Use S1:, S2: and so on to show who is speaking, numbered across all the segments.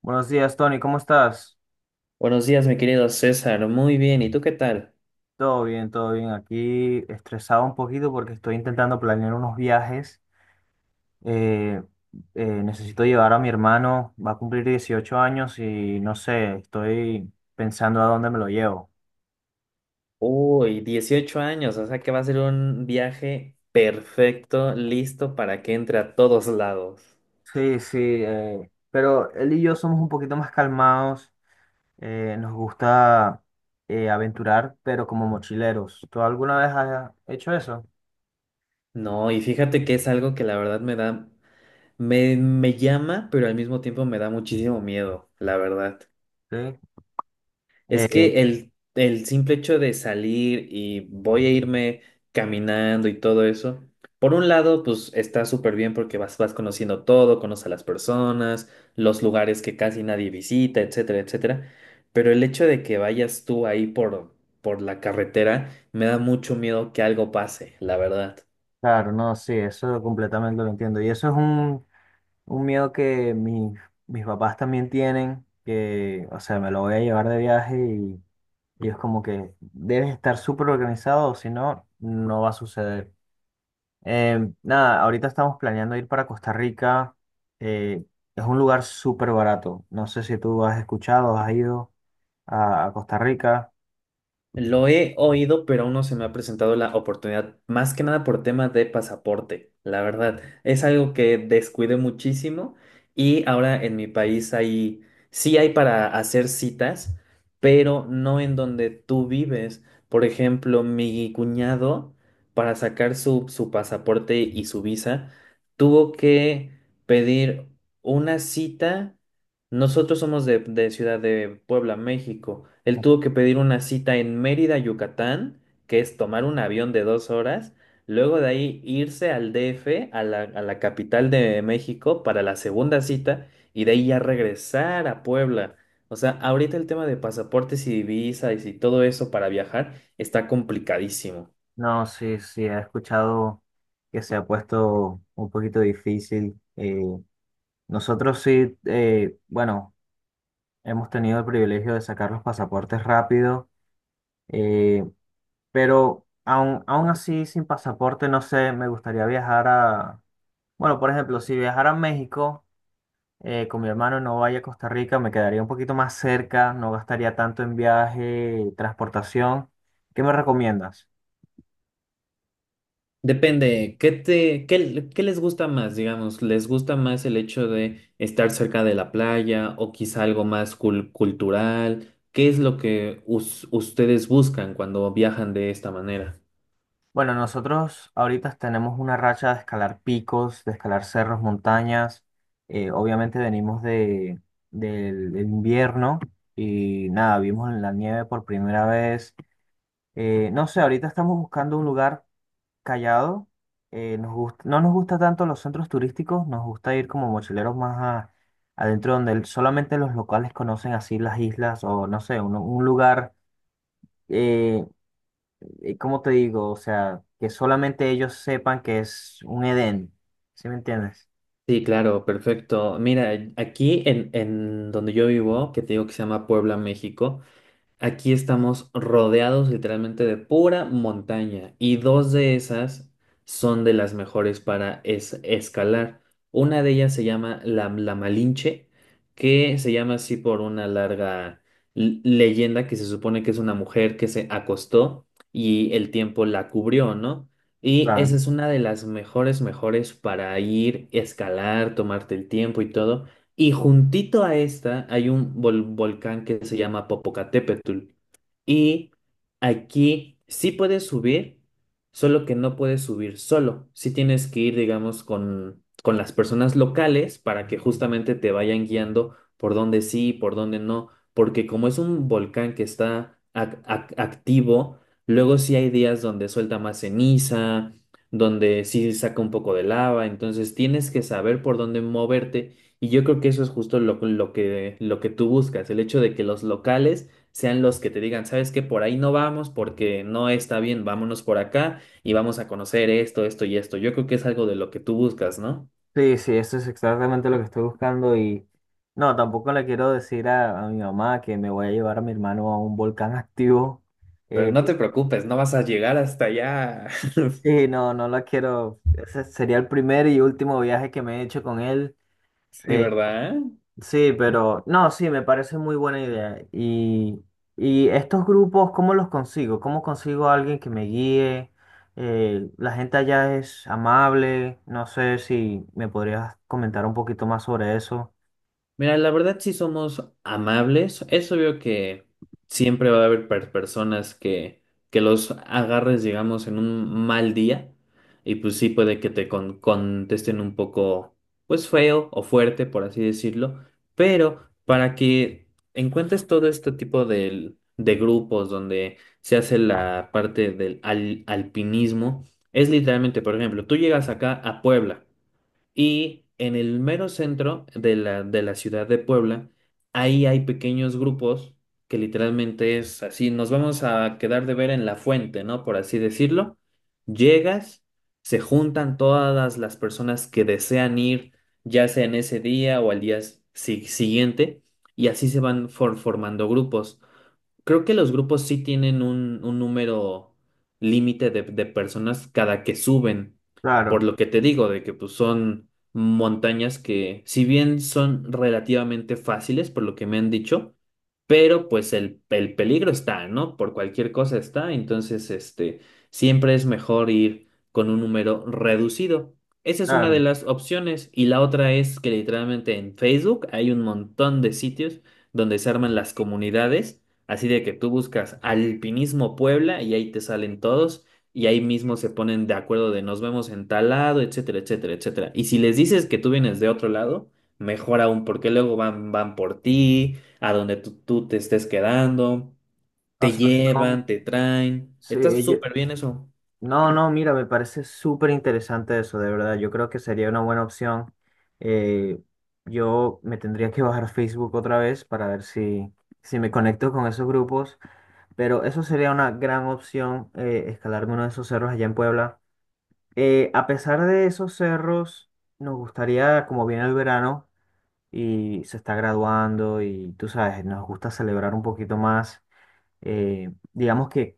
S1: Buenos días, Tony, ¿cómo estás?
S2: Buenos días, mi querido César. Muy bien, ¿y tú qué tal?
S1: Todo bien, todo bien. Aquí estresado un poquito porque estoy intentando planear unos viajes. Eh, Necesito llevar a mi hermano, va a cumplir 18 años y no sé, estoy pensando a dónde me lo llevo.
S2: Uy, 18 años, o sea que va a ser un viaje perfecto, listo para que entre a todos lados.
S1: Sí, sí, pero él y yo somos un poquito más calmados, nos gusta aventurar, pero como mochileros. ¿Tú alguna vez has hecho eso?
S2: No, y fíjate que es algo que la verdad me da, me llama, pero al mismo tiempo me da muchísimo miedo, la verdad.
S1: Sí.
S2: Es
S1: Eh,
S2: que el simple hecho de salir y voy a irme caminando y todo eso, por un lado, pues está súper bien porque vas conociendo todo, conoces a las personas, los lugares que casi nadie visita, etcétera, etcétera. Pero el hecho de que vayas tú ahí por la carretera, me da mucho miedo que algo pase, la verdad.
S1: claro, no, sí, eso completamente lo entiendo. Y eso es un miedo que mis papás también tienen, que, o sea, me lo voy a llevar de viaje y es como que debes estar súper organizado, o si no, no va a suceder. Nada, ahorita estamos planeando ir para Costa Rica. eh, es un lugar súper barato. No sé si tú has escuchado, has ido a Costa Rica.
S2: Lo he oído, pero aún no se me ha presentado la oportunidad, más que nada por temas de pasaporte, la verdad. Es algo que descuidé muchísimo y ahora en mi país sí hay para hacer citas, pero no en donde tú vives. Por ejemplo, mi cuñado, para sacar su pasaporte y su visa, tuvo que pedir una cita. Nosotros somos de Ciudad de Puebla, México. Él tuvo que pedir una cita en Mérida, Yucatán, que es tomar un avión de 2 horas, luego de ahí irse al DF, a la capital de México, para la segunda cita, y de ahí ya regresar a Puebla. O sea, ahorita el tema de pasaportes y visas y si todo eso para viajar está complicadísimo.
S1: No, sí, sí, he escuchado que se ha puesto un poquito difícil. Nosotros sí, bueno. Hemos tenido el privilegio de sacar los pasaportes rápido, eh, pero aún así sin pasaporte, no sé, me gustaría viajar bueno, por ejemplo, si viajara a México con mi hermano y no vaya a Costa Rica, me quedaría un poquito más cerca, no gastaría tanto en viaje, transportación. ¿Qué me recomiendas?
S2: Depende, ¿qué te, qué les gusta más, digamos? ¿Les gusta más el hecho de estar cerca de la playa o quizá algo más cultural? ¿Qué es lo que ustedes buscan cuando viajan de esta manera?
S1: Bueno, nosotros ahorita tenemos una racha de escalar picos, de escalar cerros, montañas. Obviamente venimos del invierno y nada, vimos la nieve por primera vez. No sé, ahorita estamos buscando un lugar callado. No nos gusta tanto los centros turísticos, nos gusta ir como mochileros más a- adentro donde solamente los locales conocen así las islas o no sé, un lugar. eh, ¿Cómo te digo? O sea, que solamente ellos sepan que es un Edén. ¿Sí me entiendes?
S2: Sí, claro, perfecto. Mira, aquí en donde yo vivo, que te digo que se llama Puebla, México. Aquí estamos rodeados literalmente de pura montaña y dos de esas son de las mejores para escalar. Una de ellas se llama la Malinche, que se llama así por una larga leyenda que se supone que es una mujer que se acostó y el tiempo la cubrió, ¿no? Y esa
S1: Claro.
S2: es una de las mejores, mejores para ir, escalar, tomarte el tiempo y todo. Y juntito a esta hay un volcán que se llama Popocatépetl. Y aquí sí puedes subir, solo que no puedes subir solo. Sí tienes que ir, digamos, con las personas locales para que justamente te vayan guiando por dónde sí, y por dónde no. Porque como es un volcán que está activo, luego sí hay días donde suelta más ceniza, donde sí saca un poco de lava. Entonces tienes que saber por dónde moverte. Y yo creo que eso es justo lo que tú buscas, el hecho de que los locales sean los que te digan, ¿sabes qué? Por ahí no vamos porque no está bien, vámonos por acá y vamos a conocer esto, esto y esto. Yo creo que es algo de lo que tú buscas, ¿no?
S1: Sí, sí, eso es exactamente lo que estoy buscando y no, tampoco le quiero decir a mi mamá que me voy a llevar a mi hermano a un volcán activo.
S2: Pero
S1: Eh,
S2: no te preocupes, no vas a llegar hasta allá.
S1: sí, no, no la quiero. Ese sería el primer y último viaje que me he hecho con él.
S2: Sí,
S1: Eh,
S2: ¿verdad?
S1: Sí, pero no, sí, me parece muy buena idea. Y estos grupos, ¿cómo los consigo? ¿Cómo consigo a alguien que me guíe? La gente allá es amable. No sé si me podrías comentar un poquito más sobre eso.
S2: Mira, la verdad sí somos amables. Es obvio que siempre va a haber personas que los agarres, digamos, en un mal día. Y pues sí puede que te contesten un poco, pues feo o fuerte, por así decirlo. Pero para que encuentres todo este tipo de grupos donde se hace la parte del alpinismo, es literalmente, por ejemplo, tú llegas acá a Puebla. Y en el mero centro de de la ciudad de Puebla, ahí hay pequeños grupos que literalmente es así, nos vamos a quedar de ver en la fuente, ¿no? Por así decirlo. Llegas, se juntan todas las personas que desean ir, ya sea en ese día o al día siguiente, y así se van formando grupos. Creo que los grupos sí tienen un número límite de personas cada que suben, por
S1: Claro,
S2: lo que te digo, de que pues, son montañas que, si bien son relativamente fáciles, por lo que me han dicho, pero pues el peligro está, ¿no? Por cualquier cosa está, entonces este, siempre es mejor ir con un número reducido. Esa es una de
S1: claro.
S2: las opciones y la otra es que literalmente en Facebook hay un montón de sitios donde se arman las comunidades. Así de que tú buscas Alpinismo Puebla y ahí te salen todos y ahí mismo se ponen de acuerdo de nos vemos en tal lado, etcétera, etcétera, etcétera. Y si les dices que tú vienes de otro lado, mejor aún porque luego van por ti, a donde tú te estés quedando,
S1: O
S2: te
S1: sea,
S2: llevan,
S1: son,
S2: te traen.
S1: sí,
S2: Está
S1: ellos-
S2: súper bien eso.
S1: No, no, mira, me parece súper interesante eso, de verdad. Yo creo que sería una buena opción. Eh, yo me tendría que bajar Facebook otra vez para ver si me conecto con esos grupos. Pero eso sería una gran opción, escalarme uno de esos cerros allá en Puebla. A pesar de esos cerros, nos gustaría, como viene el verano y se está graduando y tú sabes, nos gusta celebrar un poquito más, digamos que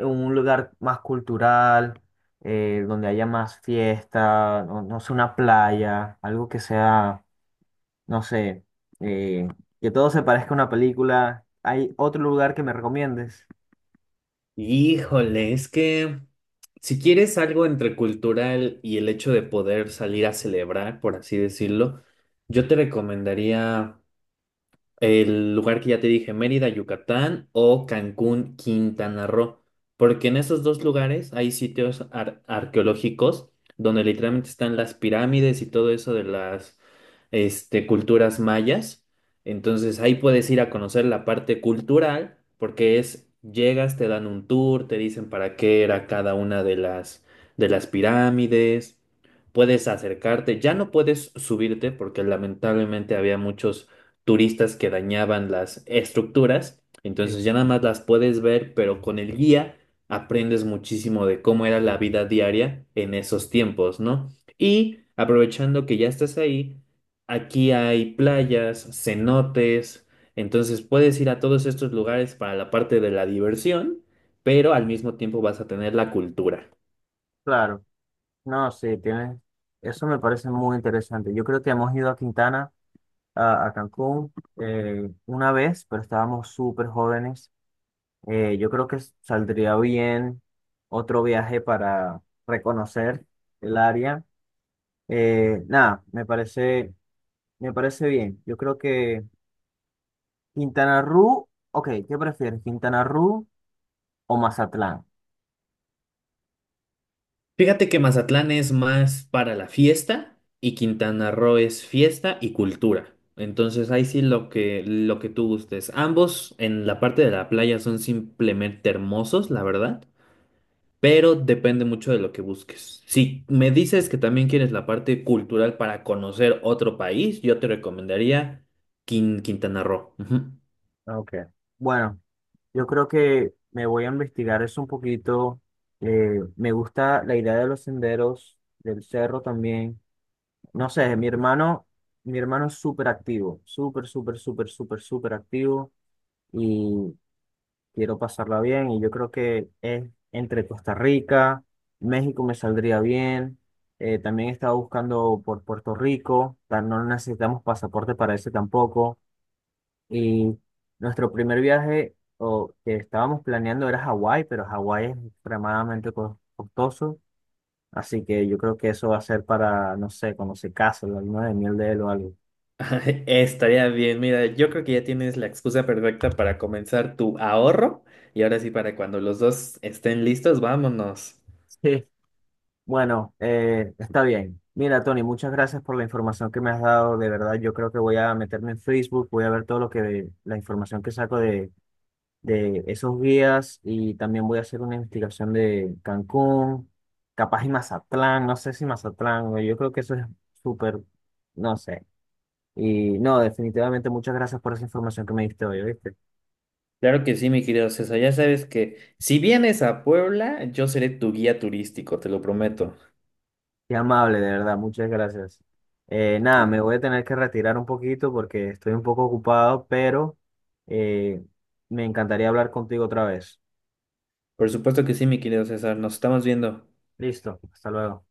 S1: un lugar más cultural, donde haya más fiesta, no, no sé, una playa, algo que sea, no sé, eh, que todo se parezca a una película. ¿Hay otro lugar que me recomiendes?
S2: Híjole, es que si quieres algo entre cultural y el hecho de poder salir a celebrar, por así decirlo, yo te recomendaría... el lugar que ya te dije, Mérida, Yucatán o Cancún, Quintana Roo. Porque en esos dos lugares hay sitios arqueológicos donde literalmente están las pirámides y todo eso de las este, culturas mayas. Entonces ahí puedes ir a conocer la parte cultural porque es, llegas, te dan un tour, te dicen para qué era cada una de de las pirámides. Puedes acercarte, ya no puedes subirte porque lamentablemente había muchos turistas que dañaban las estructuras.
S1: Sí,
S2: Entonces ya nada más las puedes ver, pero con el guía aprendes muchísimo de cómo era la vida diaria en esos tiempos, ¿no? Y aprovechando que ya estás ahí, aquí hay playas, cenotes, entonces puedes ir a todos estos lugares para la parte de la diversión, pero al mismo tiempo vas a tener la cultura.
S1: claro. No, sí, tienes. Eso me parece muy interesante. Yo creo que hemos ido a Quintana, a Cancún, una vez, pero estábamos súper jóvenes. Yo creo que saldría bien otro viaje para reconocer el área. Nada, me parece bien. Yo creo que Quintana Roo, ok, ¿qué prefieres? ¿Quintana Roo o Mazatlán?
S2: Fíjate que Mazatlán es más para la fiesta y Quintana Roo es fiesta y cultura. Entonces ahí sí lo que tú gustes. Ambos en la parte de la playa son simplemente hermosos, la verdad, pero depende mucho de lo que busques. Si me dices que también quieres la parte cultural para conocer otro país, yo te recomendaría Quintana Roo. Ujú.
S1: Ah, ok. Bueno, yo creo que me voy a investigar eso un poquito. Me gusta la idea de los senderos, del cerro también. No sé, mi hermano es súper activo, súper, súper, súper, súper, súper activo y quiero pasarla bien. Y yo creo que es entre Costa Rica, México me saldría bien. También estaba buscando por Puerto Rico, tan- no necesitamos pasaporte para ese tampoco. Y nuestro primer viaje o que estábamos planeando era Hawái, pero Hawái es extremadamente costoso. Así que yo creo que eso va a ser para, no sé, cuando se case, la luna de miel de él o algo.
S2: Estaría bien, mira, yo creo que ya tienes la excusa perfecta para comenzar tu ahorro y ahora sí para cuando los dos estén listos, vámonos.
S1: Sí. Bueno, está bien. Mira, Tony, muchas gracias por la información que me has dado. De verdad, yo creo que voy a meterme en Facebook, voy a ver todo lo que, la información que saco de esos guías y también voy a hacer una investigación de Cancún, capaz y Mazatlán, no sé si Mazatlán, güey, yo creo que eso es súper, no sé. Y no, definitivamente muchas gracias por esa información que me diste hoy, ¿viste?
S2: Claro que sí, mi querido César. Ya sabes que si vienes a Puebla, yo seré tu guía turístico, te lo prometo.
S1: Qué amable, de verdad, muchas gracias. Nada, me voy a tener que retirar un poquito porque estoy un poco ocupado, pero eh, me encantaría hablar contigo otra vez.
S2: Por supuesto que sí, mi querido César. Nos estamos viendo.
S1: Listo, hasta luego.